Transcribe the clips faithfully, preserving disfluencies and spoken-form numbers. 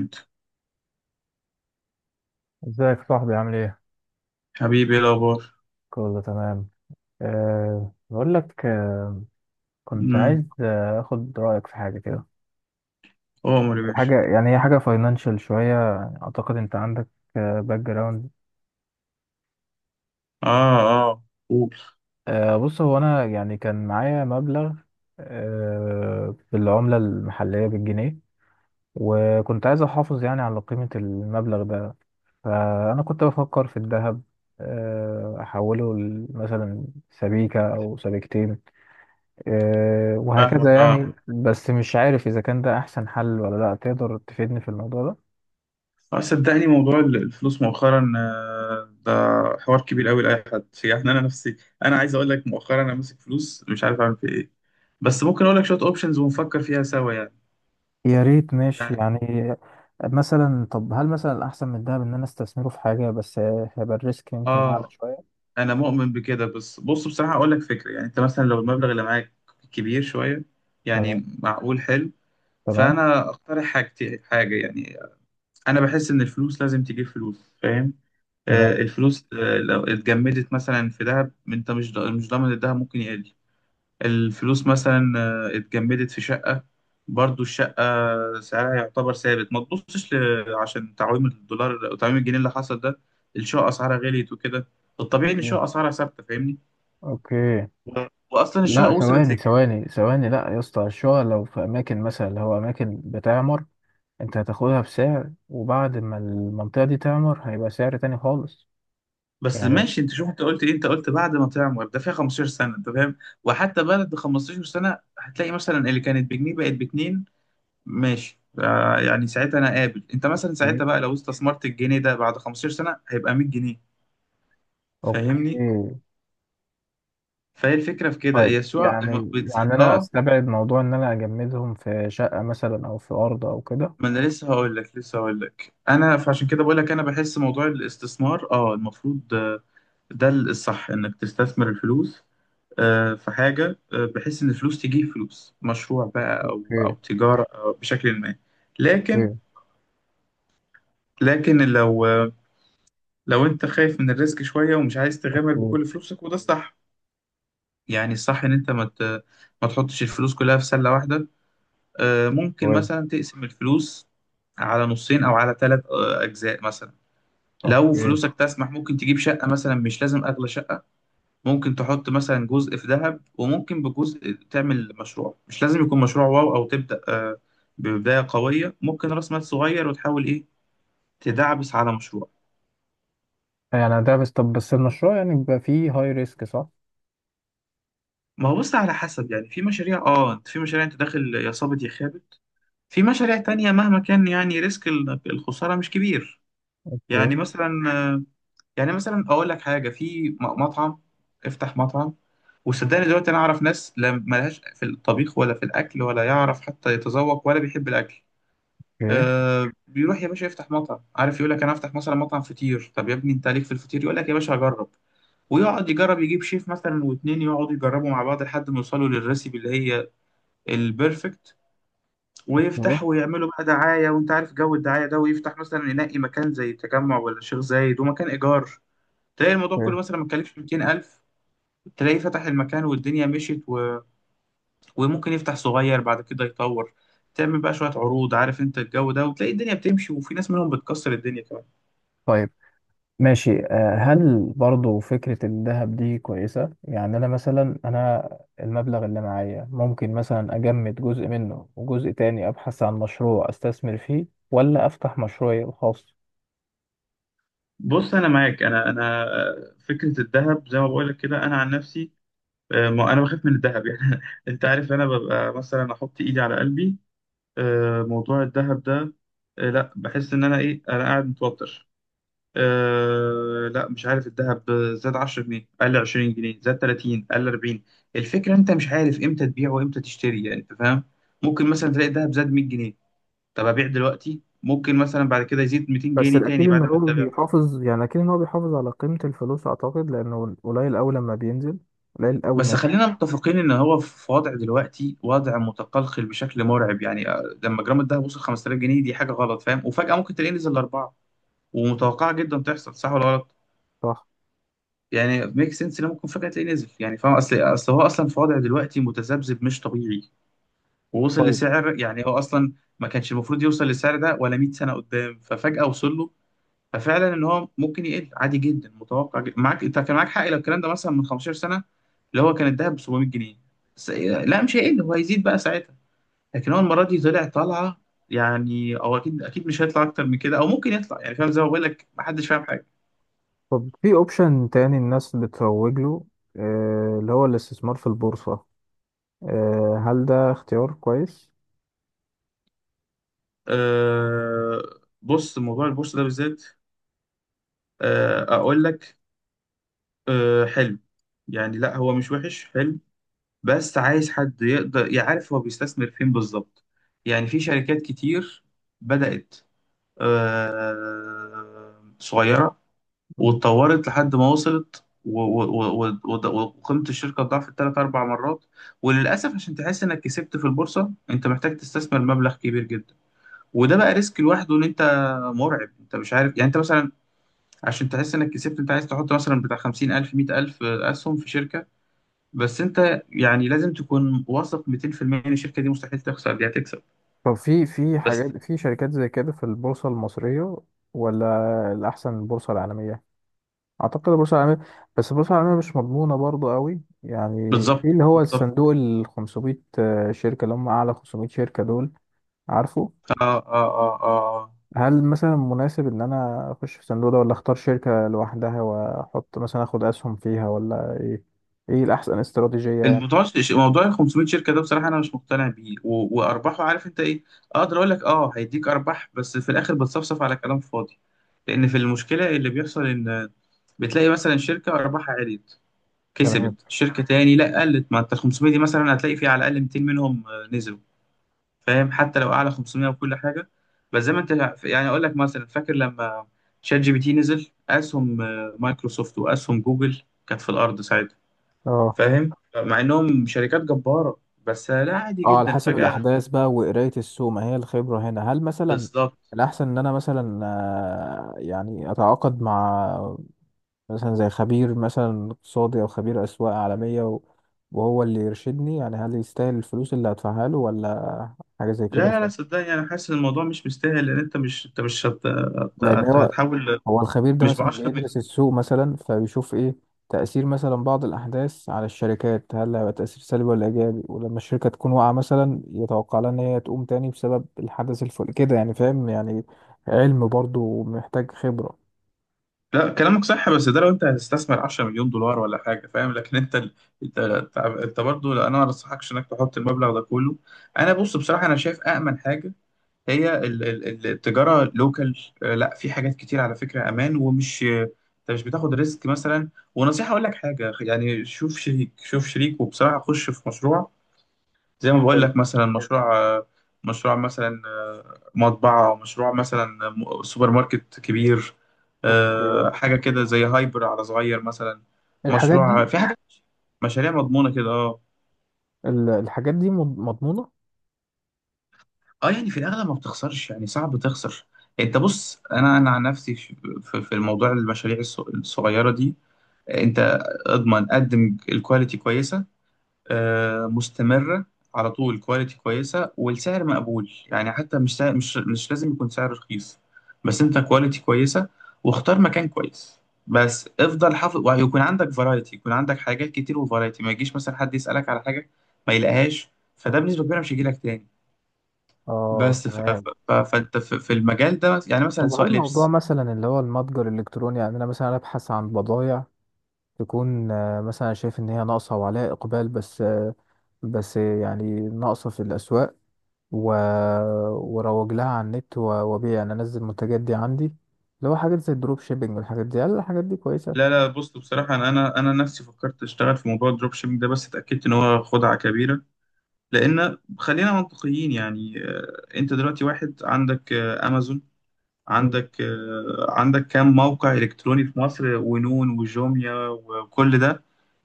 انت؟ ازيك يا صاحبي عامل ايه؟ حبيبي، ايه الاخبار؟ كله تمام. أه بقول لك. أه كنت امم عايز آه، اخد رأيك في حاجة كده. عمر يا باشا. حاجة، يعني هي حاجة فاينانشال شوية، يعني اعتقد انت عندك باك جراوند أه background. اه. اه، قول. آه، بص هو انا يعني كان معايا مبلغ أه بالعملة المحلية، بالجنيه. وكنت عايز احافظ يعني على قيمة المبلغ ده، فانا كنت بفكر في الذهب. آه، احوله ل- مثلا سبيكة او سبيكتين. آه، فاهمك. وهكذا يعني. اه، بس مش عارف إذا كان ده أحسن حل ولا لأ، تقدر تفيدني في الموضوع ده؟ اه صدقني موضوع ال- الفلوس مؤخرا آه، ده حوار كبير قوي لاي حد، يعني انا نفسي انا عايز اقول لك، مؤخرا انا ماسك فلوس مش عارف اعمل فيها ايه، بس ممكن اقول لك شويه اوبشنز ونفكر فيها سوا يعني. يا ريت، ماشي يعني. مثلا طب هل مثلا الأحسن من الدهب إن أنا استثمره في حاجة، بس هيبقى الريسك يمكن أعلى اه، شوية. انا مؤمن بكده بس بص بصراحه اقول لك فكره، يعني انت مثلا لو المبلغ اللي معاك كبير شويه تمام. يعني. معقول، حلو. تمام. فانا اقترح حاجتي حاجه يعني، انا بحس ان الفلوس لازم تجيب فلوس، فاهم؟ آه، تمام. الفلوس آه لو اتجمدت مثلا في ذهب، انت مش ضا- مش ضامن الذهب ممكن يقل. الفلوس مثلا آه اتجمدت في شقة، برضو الشقة سعرها يعتبر ثابت، ما تبصش ل- عشان تعويم الدولار، تعويم الجنيه اللي حصل ده الشقة اسعارها غليت وكده. الطبيعي ان مم. الشقة اسعارها ثابتة، فاهمني. أوكي. و- واصلا الشقة لا، وصلت. ثواني ثواني ثواني، لا يا اسطى، الشقق لو في أماكن مثلا اللي هو أماكن بتعمر، أنت هتاخدها بسعر، وبعد ما المنطقة دي تعمر هيبقى سعر تاني خالص بس يعني. ماشي، انت شوف انت قلت ايه، انت قلت بعد ما تعمر ده فيها خمسة عشر سنه، انت فاهم؟ وحتى بعد خمسة عشر سنه هتلاقي مثلا اللي كانت بجنيه بقت باتنين. ماشي، آه، يعني ساعتها انا قابل، انت مثلا إيه؟ ساعتها بقى لو استثمرت الجنيه ده بعد خمسة عشر سنه هيبقى مية جنيه، فاهمني؟ أوكي. فهي الفكره في كده طيب هي السوق م- يعني بتزيد. يعني انا اه، استبعد موضوع ان انا اجمدهم في شقة مثلا او في ارض او كده. ما انا لسه هقول لك، لسه هقول لك انا فعشان كده بقول لك، انا بحس موضوع الاستثمار اه المفروض آه، ده الصح، انك تستثمر الفلوس آه، في حاجة آه، بحيث إن فلوس تجيب فلوس، مشروع بقى أو أو اوكي. تجارة أو بشكل ما. لكن، اوكي. لكن لو آه، لو أنت خايف من الريسك شوية ومش عايز تغامر اوكي. بكل فلوسك، وده الصح يعني. الصح إن أنت ما ت- ما تحطش الفلوس كلها في سلة واحدة. آه، ممكن كويس. مثلا تقسم الفلوس على نصين، أو على ثلاث أجزاء مثلا. لو اوكي. فلوسك تسمح، ممكن تجيب شقة مثلا، مش لازم أغلى شقة، ممكن تحط مثلا جزء في ذهب، وممكن بجزء تعمل مشروع، مش لازم يكون مشروع واو أو تبدأ آه، ببداية قوية، ممكن رأس مال صغير وتحاول إيه، تدعبس على مشروع. يعني ده بس، طب بس المشروع يعني بيبقى فيه هاي ريسك، صح؟ ما هو بص على حسب، يعني في مشاريع اه، في مشاريع انت داخل يا صابت يا خابت، في مشاريع تانية مهما كان يعني ريسك ال- الخسارة مش كبير. اوكي. يعني مثلا آه، يعني مثلا اقول لك حاجة في م- مطعم، افتح مطعم. وصدقني دلوقتي انا اعرف ناس لا ملهاش في الطبيخ ولا في الاكل ولا يعرف حتى يتذوق ولا بيحب الاكل، اوكي. آه بيروح يا باشا يفتح مطعم، عارف يقول لك انا هفتح مثلا مطعم فطير، طب يا ابني انت عليك في الفطير؟ يقول لك يا باشا هجرب. ويقعد يجرب، يجيب شيف مثلا واتنين يقعدوا يجربوا مع بعض لحد ما يوصلوا للريسيبي اللي هي البيرفكت، اوكي. ويفتحوا ويعملوا بقى دعاية وانت عارف جو الدعاية ده، ويفتح مثلا ينقي مكان زي التجمع ولا الشيخ زايد ومكان ايجار، تلاقي الموضوع اوكي. كله مثلا ما اتكلفش مئتين ألف. تلاقيه فتح المكان والدنيا مشيت، و... وممكن يفتح صغير بعد كده يطور، تعمل بقى شوية عروض عارف انت الجو ده، وتلاقي الدنيا بتمشي، وفي ناس منهم بتكسر الدنيا كمان. طيب ماشي. آه، هل برضو فكرة الذهب دي كويسة؟ يعني انا مثلا انا المبلغ اللي معايا ممكن مثلا اجمد جزء منه، وجزء تاني ابحث عن مشروع استثمر فيه، ولا افتح مشروعي الخاص. بص انا معاك، انا انا آه، فكره الذهب زي ما بقول لك كده، انا عن نفسي آه، ما انا بخاف من الذهب يعني. انت عارف انا ببقى مثلا احط ايدي على قلبي آه، موضوع الذهب ده آه، لا بحس ان انا ايه، انا قاعد متوتر. آه، لا، مش عارف، الذهب زاد عشرة جنيه، قل عشرين جنيه، زاد تلاتين، قل اربعين. الفكره انت مش عارف امتى تبيع وامتى تشتري، يعني انت فاهم، ممكن مثلا تلاقي الذهب زاد مية جنيه، طب ابيع دلوقتي؟ ممكن مثلا بعد كده يزيد 200 بس جنيه الأكيد تاني إن بعد ما هو انت. بيحافظ، يعني أكيد إن هو بيحافظ على قيمة الفلوس، أعتقد، لأنه قليل أوي لما بينزل، قليل أوي بس نازل. خلينا متفقين ان هو في وضع دلوقتي، وضع متقلقل بشكل مرعب يعني، آه، لما جرام الدهب وصل خمسة آلاف جنيه، دي حاجه غلط، فاهم؟ وفجاه ممكن تلاقيه نزل لاربعه، ومتوقعه جدا تحصل، صح ولا غلط؟ صح. يعني ميك سنس ان ممكن فجاه تلاقيه نزل، يعني فاهم؟ اصل اصل هو اصلا في وضع دلوقتي متذبذب مش طبيعي ووصل طيب. لسعر، يعني هو اصلا ما كانش المفروض يوصل للسعر ده ولا مية سنه قدام، ففجاه وصل له. ففعلا ان هو ممكن يقل عادي جدا، متوقع جدا. معاك، انت كان معاك حق لو الكلام ده مثلا من خمسة عشر سنه، اللي هو كان الذهب ب سبعمية جنيه، س... لا مش هيقل، هو هيزيد بقى ساعتها، لكن هو المره دي طلع طالعه يعني. او اكيد، اكيد مش هيطلع اكتر من كده، او ممكن يطلع، يعني فاهم زي ما بقول لك، محدش فاهم حاجه. طب في أوبشن تاني الناس بتروج له، آه اللي هو الاستثمار في البورصة. آه هل ده اختيار كويس؟ أه... بص موضوع البورصه ده بالذات، أه... اقول لك أه... حلو، يعني لا هو مش وحش، حلو. بس عايز حد يقدر يعرف هو بيستثمر فين بالظبط، يعني في شركات كتير بدأت آه، صغيرة مم. واتطورت لحد ما وصلت و- و- و- و- وقيمة الشركة ضعفت تلات أربع مرات. وللأسف عشان تحس إنك كسبت في البورصة أنت محتاج تستثمر مبلغ كبير جدا، وده بقى ريسك لوحده. إن أنت مرعب، أنت مش عارف، يعني أنت مثلا عشان تحس إنك كسبت أنت عايز تحط مثلا بتاع خمسين ألف مية ألف أسهم في شركة، بس أنت يعني لازم تكون واثق ميتين في المية إن الشركة دي مستحيل تخسر، دي هتكسب طب في في بس. حاجات، في شركات زي كده في البورصة المصرية، ولا الأحسن البورصة العالمية؟ اعتقد البورصه العالميه. بس البورصه العالميه مش مضمونه برضو قوي يعني. بالظبط في اللي هو بالظبط الصندوق ال خمسمية آه، شركه، اللي هم اعلى خمسمية شركه دول، عارفه. آه آه آه آه. هل مثلا مناسب ان انا اخش في الصندوق ده، ولا اختار شركه لوحدها واحط مثلا، اخد اسهم فيها، ولا ايه؟ ايه الاحسن استراتيجيه يعني؟ الموضوع موضوع ال خمسمية شركه ده بصراحه انا مش مقتنع بيه، و- وارباحه عارف انت ايه؟ اقدر اقول لك اه هيديك ارباح، بس في الاخر بتصفصف على كلام فاضي. لان في المشكله اللي بيحصل ان بتلاقي مثلا شركه ارباحها عليت، تمام. كسبت، شركه تاني لا قلت. ما انت ال خمسمية دي مثلا هتلاقي في على الاقل ميتين منهم آه، نزلوا، فاهم؟ حتى لو اعلى خمسمية وكل حاجه. بس زي ما انت يعني، اقول لك مثلا فاكر لما شات جي بي تي نزل، اسهم آه، مايكروسوفت واسهم جوجل كانت في الارض، اه. فاهم؟ مع انهم شركات جبارة، بس لا عادي اه. على جدا حسب فجأة. الاحداث بقى وقرايه السوق، ما هي الخبره هنا. هل مثلا بالظبط. الاحسن ان انا مثلا آه، يعني اتعاقد مع مثلا زي خبير مثلا اقتصادي او خبير اسواق عالميه و- وهو اللي يرشدني، يعني هل يستاهل الفلوس اللي هدفعها له، ولا حاجه زي لا كده. لا ف... لا، صدقني انا حاسس ان الموضوع مش مستاهل، لان انت مش، انت مش هت... هت... لان هت- هو هتحول هو الخبير ده مش ب مثلا 10 بيدرس مليون. السوق مثلا، فبيشوف ايه تأثير مثلا بعض الأحداث على الشركات، هل هيبقى تأثير سلبي ولا إيجابي، ولما الشركة تكون واقعة مثلا يتوقع لها إن هي تقوم تاني بسبب الحدث الفل كده، يعني فاهم يعني. علم برضه ومحتاج خبرة. لا كلامك صح، بس ده لو انت هتستثمر 10 مليون دولار ولا حاجه، فاهم؟ لكن انت ال- انت، انت برضه لا، انا ما انصحكش انك تحط المبلغ ده كله. انا بص بصراحه انا شايف امن حاجه هي ال- ال- التجارة لوكال. لا في حاجات كتير على فكرة أمان، ومش أنت مش بتاخد ريسك مثلا. ونصيحة أقول لك حاجة يعني، شوف شريك، شوف شريك وبصراحة خش في مشروع، زي ما بقول حلو. لك مثلا مشروع آه، مشروع مثلا آه، مطبعة، مشروع مثلا م- سوبر ماركت كبير، اوكي. آه، حاجة كده زي هايبر على صغير مثلا، الحاجات مشروع دي في حاجة، مشاريع مضمونة كده اه. ال- الحاجات دي مض- مضمونة؟ اه يعني في الاغلب ما بتخسرش يعني، صعب تخسر. انت بص انا، انا عن نفسي في، في- في الموضوع المشاريع الص- الصغيره دي، انت اضمن قدم الكواليتي كويسه آه، مستمره على طول، كواليتي كويسه والسعر مقبول، يعني حتى مش سعر، مش مش لازم يكون سعر رخيص، بس انت كواليتي كويسه، واختار مكان كويس، بس افضل حافظ، ويكون عندك فرايتي، يكون عندك حاجات كتير وفرايتي، ما يجيش مثلا حد يسالك على حاجه ما يلاقيهاش، فده بنسبه كبيره مش هيجيلك تاني. اه. بس ف... ف... تمام. ف... فانت في في المجال ده يعني، مثلا طب هل سواء الموضوع لبس. مثلا اللي هو المتجر الالكتروني، يعني انا مثلا ابحث عن بضائع تكون آه، مثلا شايف ان هي ناقصه وعليها اقبال، بس آه، بس يعني ناقصه في الاسواق و... وروج لها على النت، و- وابيع يعني، انزل المنتجات دي عندي، اللي هو حاجات زي الدروب شيبينج والحاجات دي. هل الحاجات دي كويسه؟ لا لا، بص بصراحة أنا أنا أنا نفسي فكرت أشتغل في موضوع الدروب شيبينج ده، بس اتأكدت إن هو خدعة كبيرة. لأن خلينا منطقيين، يعني آه، أنت دلوقتي واحد عندك آه، أمازون، مم. عندك آه، عندك كام موقع إلكتروني في مصر، ونون وجوميا وكل ده،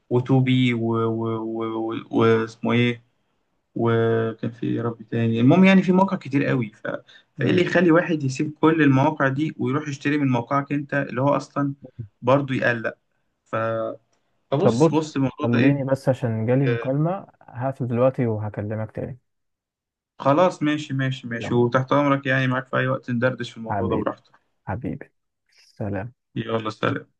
وتوبي واسمه إيه، وكان في إيه يا رب تاني، المهم يعني في مواقع كتير قوي. ف... فايه اللي مم. يخلي واحد يسيب كل المواقع دي ويروح يشتري من موقعك انت، اللي هو اصلا برضه يقلق؟ ف... طب فبص، بص، بص الموضوع ده ايه. خليني بس عشان جالي آه، مكالمة، هقفل دلوقتي وهكلمك تاني. خلاص، ماشي، ماشي ماشي يلا. وتحت امرك يعني، معاك في اي وقت، ندردش في الموضوع ده حبيبي. براحتك. حبيبي. سلام. يلا سلام.